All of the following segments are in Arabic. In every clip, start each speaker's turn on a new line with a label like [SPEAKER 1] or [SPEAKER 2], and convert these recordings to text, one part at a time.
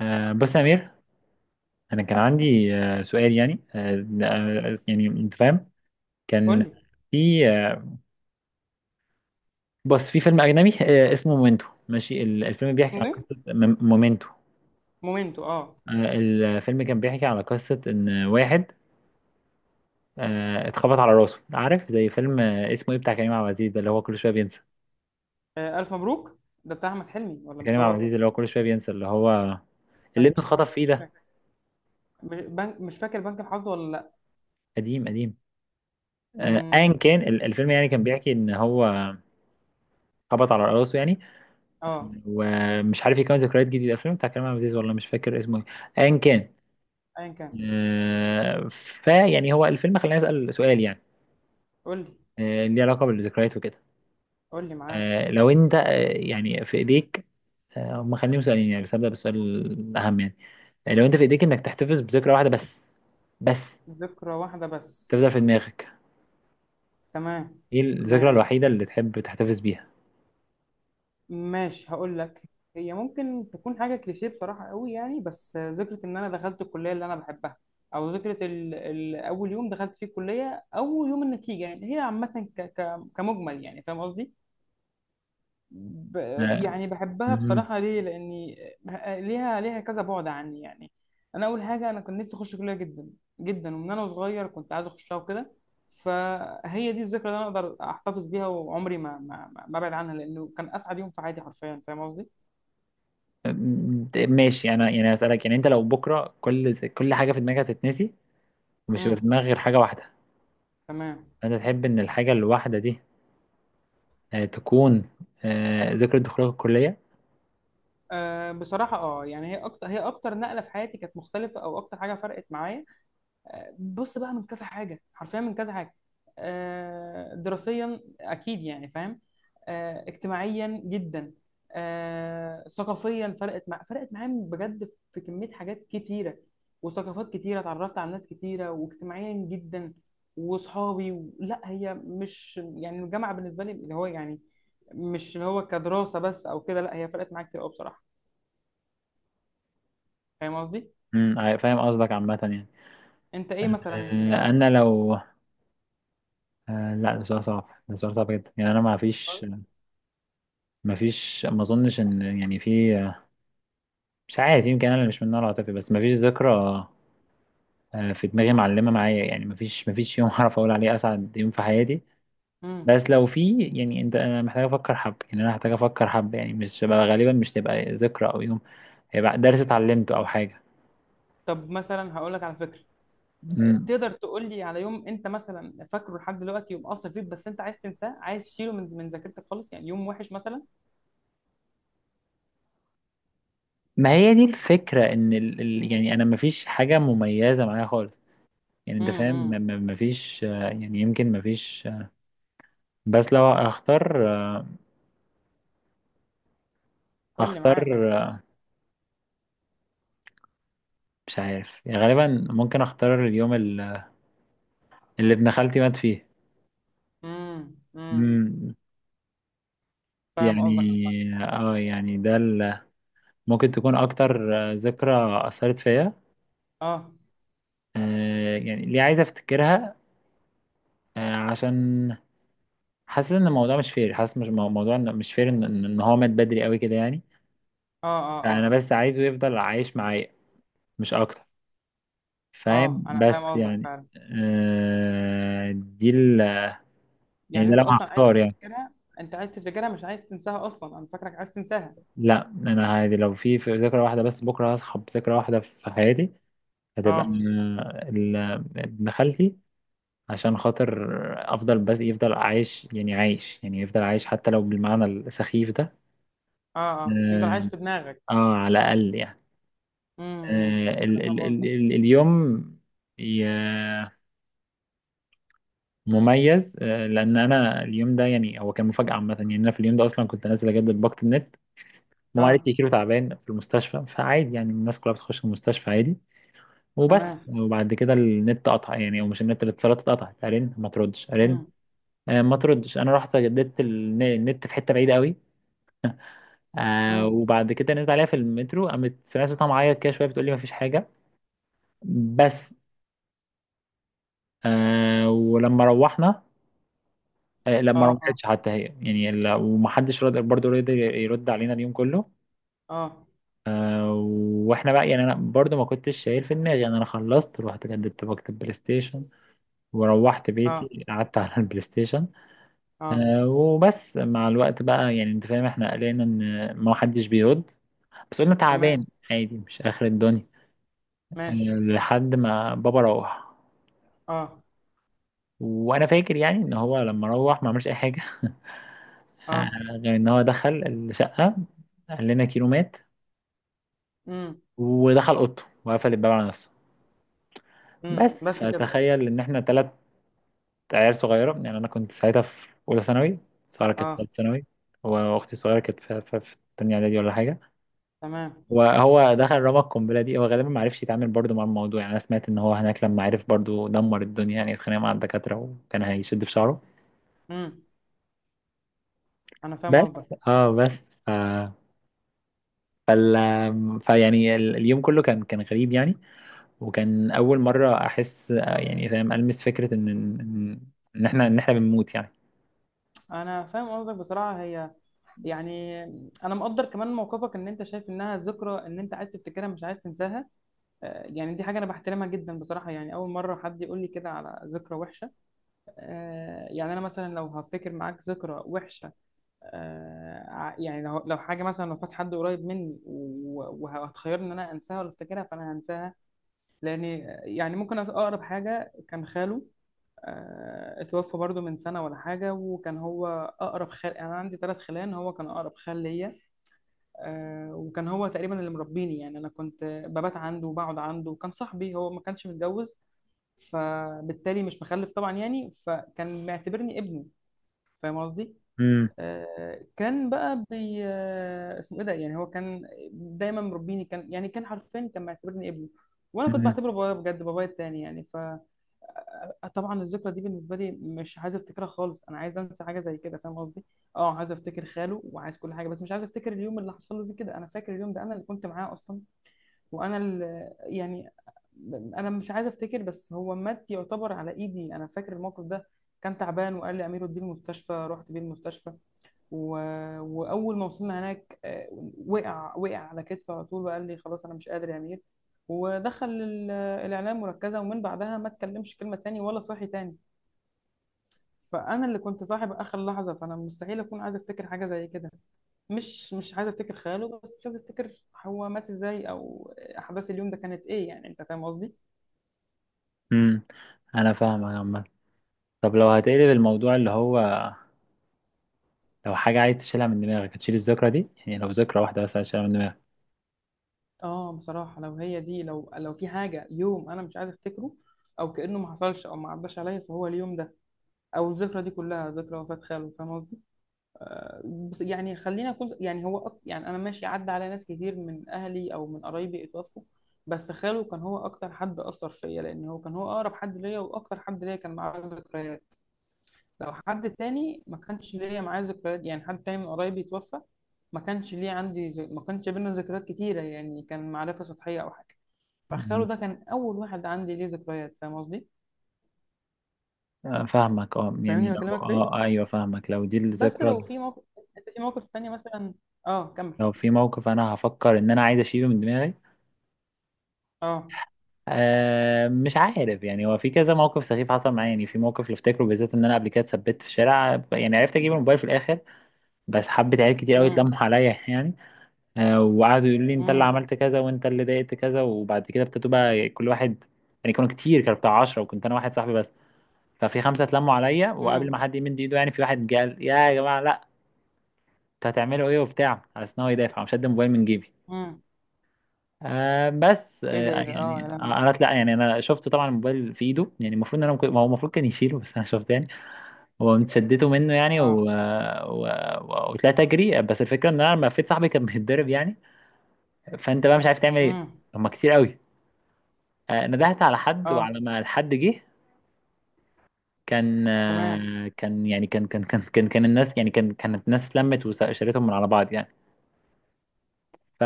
[SPEAKER 1] بس يا أمير، أنا كان عندي سؤال، يعني يعني أنت فاهم.
[SPEAKER 2] قول
[SPEAKER 1] كان
[SPEAKER 2] لي.
[SPEAKER 1] في بس في فيلم أجنبي اسمه مومنتو. ماشي، الفيلم بيحكي
[SPEAKER 2] اسمه
[SPEAKER 1] عن
[SPEAKER 2] ايه؟
[SPEAKER 1] قصة مومنتو.
[SPEAKER 2] مومنتو، اه.
[SPEAKER 1] الفيلم كان بيحكي على قصة إن واحد اتخبط على راسه. عارف زي فيلم اسمه إيه، بتاع كريم عبد العزيز ده، اللي هو كل شوية بينسى.
[SPEAKER 2] الف مبروك. ده بتاع احمد حلمي ولا مش
[SPEAKER 1] كريم عبد
[SPEAKER 2] هو؟
[SPEAKER 1] العزيز، اللي هو كل شوية بينسى، اللي ابنه
[SPEAKER 2] بنك الحظ،
[SPEAKER 1] اتخطف في إيه
[SPEAKER 2] مش
[SPEAKER 1] ده،
[SPEAKER 2] فاكر. بنك، مش فاكر بنك الحظ ولا لا.
[SPEAKER 1] قديم قديم. أيا
[SPEAKER 2] مم.
[SPEAKER 1] كان، الفيلم يعني كان بيحكي إن هو خبط على راسه، يعني
[SPEAKER 2] اه،
[SPEAKER 1] ومش عارف يكون ذكريات جديدة. الفيلم بتاع كريم عبد العزيز، والله مش فاكر اسمه ايه. ايا كان.
[SPEAKER 2] ايا كان.
[SPEAKER 1] آه، فيعني هو الفيلم خلاني اسأل سؤال، يعني
[SPEAKER 2] قول لي،
[SPEAKER 1] ليه علاقة بالذكريات وكده.
[SPEAKER 2] قول لي معاك
[SPEAKER 1] لو انت يعني في ايديك. هم خليهم سؤالين يعني، بس هبدأ بالسؤال الأهم يعني. لو انت في ايديك انك تحتفظ بذكرى واحدة بس
[SPEAKER 2] ذكرى واحده بس.
[SPEAKER 1] تفضل في دماغك،
[SPEAKER 2] تمام.
[SPEAKER 1] ايه الذكرى
[SPEAKER 2] ماشي،
[SPEAKER 1] الوحيدة اللي تحب تحتفظ بيها؟
[SPEAKER 2] ماشي هقول لك. هي ممكن تكون حاجه كليشيه بصراحه قوي، يعني بس ذكرى ان انا دخلت الكليه اللي انا بحبها. او ذكرى اول يوم دخلت فيه الكليه، اول يوم النتيجه، يعني هي عامه كمجمل، يعني فاهم قصدي. ب...
[SPEAKER 1] آه،
[SPEAKER 2] يعني بحبها
[SPEAKER 1] مهم.
[SPEAKER 2] بصراحة، ليه؟ لأني ليها كذا، بعد عني يعني. أنا أول حاجة، أنا كان نفسي أخش كلية جدا جدا، ومن أنا صغير كنت عايز أخشها وكده. فهي دي الذكرى اللي أنا أقدر أحتفظ بيها وعمري ما أبعد عنها، لأنه كان أسعد يوم في حياتي حرفيا. فاهم قصدي؟
[SPEAKER 1] ماشي. انا يعني اسألك، يعني انت لو بكرة كل حاجة في دماغك هتتنسي ومش هيبقى في
[SPEAKER 2] امم.
[SPEAKER 1] دماغك غير حاجة واحدة،
[SPEAKER 2] تمام.
[SPEAKER 1] أنت تحب إن الحاجة الواحدة دي تكون ذكرى دخولك الكلية؟
[SPEAKER 2] أه بصراحة، أه يعني هي أكتر نقلة في حياتي كانت مختلفة، أو أكتر حاجة فرقت معايا. بص بقى، من كذا حاجه، حرفيا من كذا حاجه. دراسيا اكيد، يعني فاهم. اجتماعيا جدا. ثقافيا، فرقت معايا بجد في كميه حاجات كتيره، وثقافات كتيره، اتعرفت على ناس كتيره، واجتماعيا جدا، واصحابي لا، هي مش يعني الجامعه بالنسبه لي اللي هو يعني مش اللي هو كدراسه بس او كده، لا، هي فرقت معايا كتير قوي بصراحه. فاهم قصدي؟
[SPEAKER 1] أمم، آه، فاهم قصدك عامة يعني.
[SPEAKER 2] انت ايه مثلا
[SPEAKER 1] أنا لو لا، ده سؤال صعب، ده سؤال صعب جدا يعني. أنا ما أظنش إن يعني في مش عارف. يمكن أنا اللي مش من النوع العاطفي، بس ما فيش ذكرى في دماغي معلمة معايا، يعني ما فيش يوم أعرف أقول عليه أسعد يوم في حياتي.
[SPEAKER 2] مم.
[SPEAKER 1] بس لو في، يعني أنا محتاج أفكر، حب يعني، مش غالبا. مش تبقى ذكرى أو يوم، هيبقى درس اتعلمته أو حاجة.
[SPEAKER 2] طب مثلا هقول لك على فكره،
[SPEAKER 1] مم.
[SPEAKER 2] تقدر تقول لي على يوم انت مثلا فاكره لحد دلوقتي، يوم اثر فيك بس انت عايز تنساه، عايز تشيله من ذاكرتك خالص، يعني يوم وحش مثلا.
[SPEAKER 1] ما هي دي الفكرة، ان يعني انا مفيش حاجة مميزة معايا خالص. يعني انت فاهم، م-
[SPEAKER 2] امم.
[SPEAKER 1] م- مفيش يعني يمكن مفيش بس لو اختار
[SPEAKER 2] قول لي
[SPEAKER 1] اختار
[SPEAKER 2] معاك.
[SPEAKER 1] مش عارف. يعني غالبا ممكن اختار اليوم اللي ابن خالتي مات فيه.
[SPEAKER 2] امم، امم.
[SPEAKER 1] مم،
[SPEAKER 2] فاهم
[SPEAKER 1] يعني
[SPEAKER 2] قصدك عامة.
[SPEAKER 1] اه يعني ممكن تكون اكتر ذكرى اثرت فيا.
[SPEAKER 2] اه،
[SPEAKER 1] يعني ليه عايز افتكرها؟ عشان حاسس ان الموضوع مش فير، حاسس مش موضوع، مش فير ان إن هو مات بدري قوي كده يعني.
[SPEAKER 2] اه، اه.
[SPEAKER 1] فانا
[SPEAKER 2] اه.
[SPEAKER 1] بس عايزه يفضل عايش معايا، مش اكتر. فاهم؟
[SPEAKER 2] اه انا فاهم
[SPEAKER 1] بس
[SPEAKER 2] قصدك
[SPEAKER 1] يعني
[SPEAKER 2] فعلا.
[SPEAKER 1] دي يعني
[SPEAKER 2] يعني
[SPEAKER 1] ده
[SPEAKER 2] انت
[SPEAKER 1] لو
[SPEAKER 2] اصلا عايز
[SPEAKER 1] هختار يعني.
[SPEAKER 2] تفتكرها. انت عايز تفتكرها، مش عايز تنساها اصلا، انا فاكرك عايز تنساها.
[SPEAKER 1] لا انا عادي، لو في ذكرى واحده بس بكره هصحى بذكرى واحده في حياتي، هتبقى
[SPEAKER 2] اه،
[SPEAKER 1] ابن خالتي. عشان خاطر افضل، بس يفضل عايش، يعني عايش، يعني يفضل عايش حتى لو بالمعنى السخيف ده.
[SPEAKER 2] اه. اه، يفضل
[SPEAKER 1] اه,
[SPEAKER 2] عايش في دماغك.
[SPEAKER 1] على الاقل يعني
[SPEAKER 2] امم،
[SPEAKER 1] آه ال
[SPEAKER 2] انا
[SPEAKER 1] ال
[SPEAKER 2] فاهم
[SPEAKER 1] ال
[SPEAKER 2] قصدك.
[SPEAKER 1] ال اليوم مميز. لان انا اليوم ده، يعني هو كان مفاجاه عامه. يعني انا في اليوم ده اصلا كنت نازل اجدد باقه النت. ماما قالت
[SPEAKER 2] اه.
[SPEAKER 1] لي كيلو تعبان في المستشفى، فعادي يعني، الناس كلها بتخش المستشفى عادي. وبس،
[SPEAKER 2] تمام.
[SPEAKER 1] وبعد كده النت قطع، يعني او مش النت، الاتصالات اتقطعت. ارن ما تردش، ارن.
[SPEAKER 2] امم،
[SPEAKER 1] ما تردش. انا رحت جددت النت في حته بعيده قوي.
[SPEAKER 2] امم.
[SPEAKER 1] وبعد كده نزلت عليها في المترو، قامت سمعت صوتها معايا كده شويه بتقول لي ما فيش حاجه. بس. ولما روحنا لا، ما
[SPEAKER 2] اه، اه،
[SPEAKER 1] رجعتش حتى هي يعني ومحدش رد برضه، يرد علينا اليوم كله.
[SPEAKER 2] اه،
[SPEAKER 1] آه، واحنا بقى، يعني انا برضه ما كنتش شايل في دماغي، يعني انا خلصت رحت جددت باجة البلاي ستيشن وروحت
[SPEAKER 2] اه،
[SPEAKER 1] بيتي، قعدت على البلاي ستيشن.
[SPEAKER 2] اه.
[SPEAKER 1] وبس مع الوقت بقى يعني، انت فاهم، احنا قلقنا ان ما حدش بيرد، بس قلنا
[SPEAKER 2] تمام.
[SPEAKER 1] تعبان، عادي مش اخر الدنيا. آه،
[SPEAKER 2] ماشي.
[SPEAKER 1] لحد ما بابا روح.
[SPEAKER 2] اه،
[SPEAKER 1] وانا فاكر يعني ان هو لما روح ما عملش اي حاجه آه،
[SPEAKER 2] اه.
[SPEAKER 1] غير ان هو دخل الشقه، قال لنا كيلو مات،
[SPEAKER 2] امم،
[SPEAKER 1] ودخل اوضته وقفل الباب على نفسه.
[SPEAKER 2] امم.
[SPEAKER 1] بس
[SPEAKER 2] بس كده.
[SPEAKER 1] فتخيل ان احنا 3 عيال صغيره. يعني انا كنت ساعتها في اولى ثانوي، ساره كانت في
[SPEAKER 2] اه.
[SPEAKER 1] ثالث ثانوي، واختي الصغيره كانت في تانية اعدادي ولا حاجه.
[SPEAKER 2] تمام.
[SPEAKER 1] وهو دخل رمى القنبله دي، هو غالبا ما عرفش يتعامل برضو مع الموضوع. يعني انا سمعت ان هو هناك لما عرف برضو دمر الدنيا، يعني اتخانق مع الدكاتره وكان هيشد في شعره.
[SPEAKER 2] امم. انا فاهم
[SPEAKER 1] بس
[SPEAKER 2] قصدك.
[SPEAKER 1] اه بس فال... فيعني اليوم كله كان غريب يعني. وكان اول مره احس، يعني فاهم، المس فكره ان ان إن احنا ان احنا بنموت يعني.
[SPEAKER 2] انا فاهم قصدك بصراحه. هي يعني انا مقدر كمان موقفك، ان انت شايف انها ذكرى، ان انت عايز تفتكرها مش عايز تنساها. يعني دي حاجه انا بحترمها جدا بصراحه، يعني اول مره حد يقول لي كده على ذكرى وحشه. يعني انا مثلا لو هفتكر معاك ذكرى وحشه، يعني لو حاجه مثلا، لو فات حد قريب مني وهتخيرني ان انا انساها ولا افتكرها، فانا هنساها. لان يعني ممكن اقرب حاجه كان خاله. اتوفى برضو من سنة ولا حاجة، وكان هو أقرب خال. يعني أنا عندي ثلاث خلان، هو كان أقرب خال ليا. وكان هو تقريبا اللي مربيني، يعني أنا كنت ببات عنده وبقعد عنده وكان صاحبي، هو ما كانش متجوز فبالتالي مش مخلف طبعا، يعني فكان معتبرني ابني. فاهم قصدي؟
[SPEAKER 1] امم،
[SPEAKER 2] كان بقى بي اسمه ايه ده، يعني هو كان دايما مربيني، كان يعني، كان حرفيا كان معتبرني ابنه، وانا كنت
[SPEAKER 1] امم،
[SPEAKER 2] بعتبره بابايا، بجد بابايا التاني يعني، ف طبعا الذكرى دي بالنسبه لي مش عايزه افتكرها خالص، انا عايزه انسى حاجه زي كده. فاهم قصدي؟ اه، عايزه افتكر خاله وعايز كل حاجه، بس مش عايزه افتكر اليوم اللي حصل له فيه كده. انا فاكر اليوم ده، انا اللي كنت معاه اصلا. وانا اللي يعني، انا مش عايزه افتكر بس هو مات يعتبر على ايدي. انا فاكر الموقف ده، كان تعبان وقال لي امير وديه المستشفى، رحت بيه المستشفى و... واول ما وصلنا هناك وقع، وقع على كتفي على طول، وقال لي خلاص انا مش قادر يا امير. ودخل الاعلام مركزه، ومن بعدها ما اتكلمش كلمه تاني ولا صاحي تاني. فانا اللي كنت صاحب اخر لحظه، فانا مستحيل اكون عايزه افتكر حاجه زي كده. مش عايزه افتكر خياله، بس مش عايزه افتكر هو مات ازاي، او احداث اليوم ده كانت ايه، يعني انت فاهم قصدي.
[SPEAKER 1] أمم. انا فاهم يا عم. طب لو هتقلب الموضوع، اللي هو لو حاجه عايز تشيلها من دماغك، هتشيل الذكرى دي؟ يعني لو ذكرى واحده بس هتشيلها من دماغك.
[SPEAKER 2] اه، بصراحه لو هي دي، لو في حاجه يوم انا مش عايزه افتكره، او كانه ما حصلش او ما عداش عليا، فهو اليوم ده، او الذكرى دي كلها ذكرى وفاه خاله. فاهم قصدي؟ بس يعني خلينا اكون، يعني هو يعني انا ماشي، عدى على ناس كتير من اهلي او من قرايبي اتوفوا، بس خاله كان هو اكتر حد اثر فيا، لان هو كان، هو اقرب حد ليا واكتر حد ليا كان معاه ذكريات. لو حد تاني ما كانش ليا معاه ذكريات، يعني حد تاني من قرايبي اتوفى، ما كانش ليه عندي ما كانش بينا ذكريات كتيره، يعني كان معرفه سطحيه او حاجه. فخاله
[SPEAKER 1] أمم.
[SPEAKER 2] ده كان اول واحد عندي ليه ذكريات. فاهم قصدي؟
[SPEAKER 1] فاهمك. اه يعني
[SPEAKER 2] فاهمني
[SPEAKER 1] لو
[SPEAKER 2] بكلمك في إيه؟
[SPEAKER 1] ايوه فاهمك، لو دي
[SPEAKER 2] بس
[SPEAKER 1] الذكرى.
[SPEAKER 2] لو في موقف، انت في موقف تاني مثلا. اه، كمل.
[SPEAKER 1] لو في موقف انا هفكر ان انا عايز اشيله من دماغي.
[SPEAKER 2] اه.
[SPEAKER 1] مش عارف. يعني هو في كذا موقف سخيف حصل معايا، يعني في موقف اللي افتكره بالذات، ان انا قبل كده اتثبت في شارع يعني، عرفت اجيب الموبايل في الاخر، بس حبة عيال كتير قوي
[SPEAKER 2] امم،
[SPEAKER 1] اتلموا عليا يعني. وقعدوا يقولوا لي انت اللي
[SPEAKER 2] امم،
[SPEAKER 1] عملت كذا وانت اللي ضايقت كذا، وبعد كده ابتدوا بقى كل واحد... يعني كانوا كتير، كانوا بتاع 10 وكنت انا واحد صاحبي بس. ففي 5 اتلموا عليا، وقبل ما
[SPEAKER 2] امم،
[SPEAKER 1] حد يمد ايده يعني، في واحد قال يا جماعة لا، انتوا هتعملوا ايه وبتاع، على اساس ان هو يدافع. مش هدي الموبايل من جيبي.
[SPEAKER 2] امم.
[SPEAKER 1] بس
[SPEAKER 2] ايه ده، ايه ده، اه يا
[SPEAKER 1] يعني
[SPEAKER 2] لهوي.
[SPEAKER 1] انا لا، يعني انا شفته طبعا الموبايل في ايده يعني، المفروض ان انا ما هو المفروض كان يشيله، بس انا شفته يعني هو شدته منه يعني
[SPEAKER 2] اه.
[SPEAKER 1] وطلعت اجري. بس الفكره ان انا لما لفيت صاحبي كان بيتضرب يعني، فانت بقى مش عارف تعمل ايه،
[SPEAKER 2] امم.
[SPEAKER 1] هما كتير قوي. ندهت على حد،
[SPEAKER 2] اه.
[SPEAKER 1] وعلى ما الحد جه
[SPEAKER 2] تمام.
[SPEAKER 1] كان الناس، يعني كانت الناس اتلمت وشالتهم من على بعض يعني. ف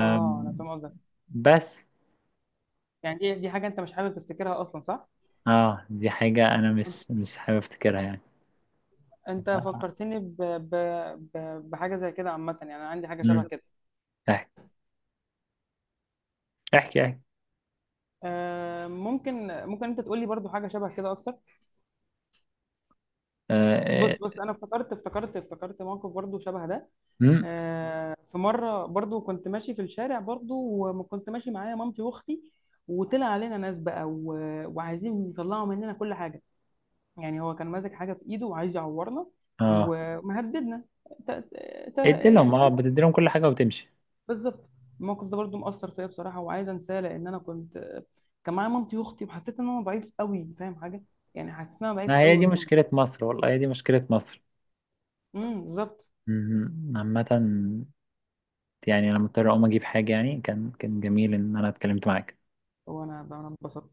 [SPEAKER 2] اه، انا فاهم قصدك.
[SPEAKER 1] بس.
[SPEAKER 2] يعني دي حاجه انت مش حابب تفتكرها اصلا، صح؟
[SPEAKER 1] اه دي حاجة انا مش حابب افتكرها يعني.
[SPEAKER 2] انت فكرتني ب... بحاجه زي كده عامه، يعني انا عندي حاجه
[SPEAKER 1] امم.
[SPEAKER 2] شبه كده.
[SPEAKER 1] احكي، احكي، احكي.
[SPEAKER 2] ممكن، انت تقول لي برضو حاجه شبه كده اكتر.
[SPEAKER 1] اه،
[SPEAKER 2] بص بص، انا افتكرت موقف برضو شبه ده.
[SPEAKER 1] امم،
[SPEAKER 2] في مره برضو كنت ماشي في الشارع برضو، وكنت ماشي معايا مامتي واختي، وطلع علينا ناس بقى وعايزين يطلعوا مننا كل حاجه. يعني هو كان ماسك حاجه في ايده وعايز يعورنا
[SPEAKER 1] اه.
[SPEAKER 2] ومهددنا. ت... ت...
[SPEAKER 1] ادي
[SPEAKER 2] يعني
[SPEAKER 1] لهم اه
[SPEAKER 2] فاهم؟
[SPEAKER 1] بتدي لهم كل حاجة وتمشي.
[SPEAKER 2] بالظبط. الموقف ده برضو مؤثر فيا بصراحه، وعايزه انساه، لان انا كنت، كان معايا مامتي واختي، وحسيت ان انا ضعيف قوي. فاهم حاجه؟ يعني حسيت ان انا ضعيف
[SPEAKER 1] ما هي
[SPEAKER 2] قوي
[SPEAKER 1] دي
[SPEAKER 2] قدامه.
[SPEAKER 1] مشكلة مصر، والله هي دي مشكلة مصر.
[SPEAKER 2] امم، بالظبط.
[SPEAKER 1] مم. عامة، يعني انا مضطر اقوم اجيب حاجة. يعني كان جميل ان انا اتكلمت معاك.
[SPEAKER 2] هو انا انبسطت.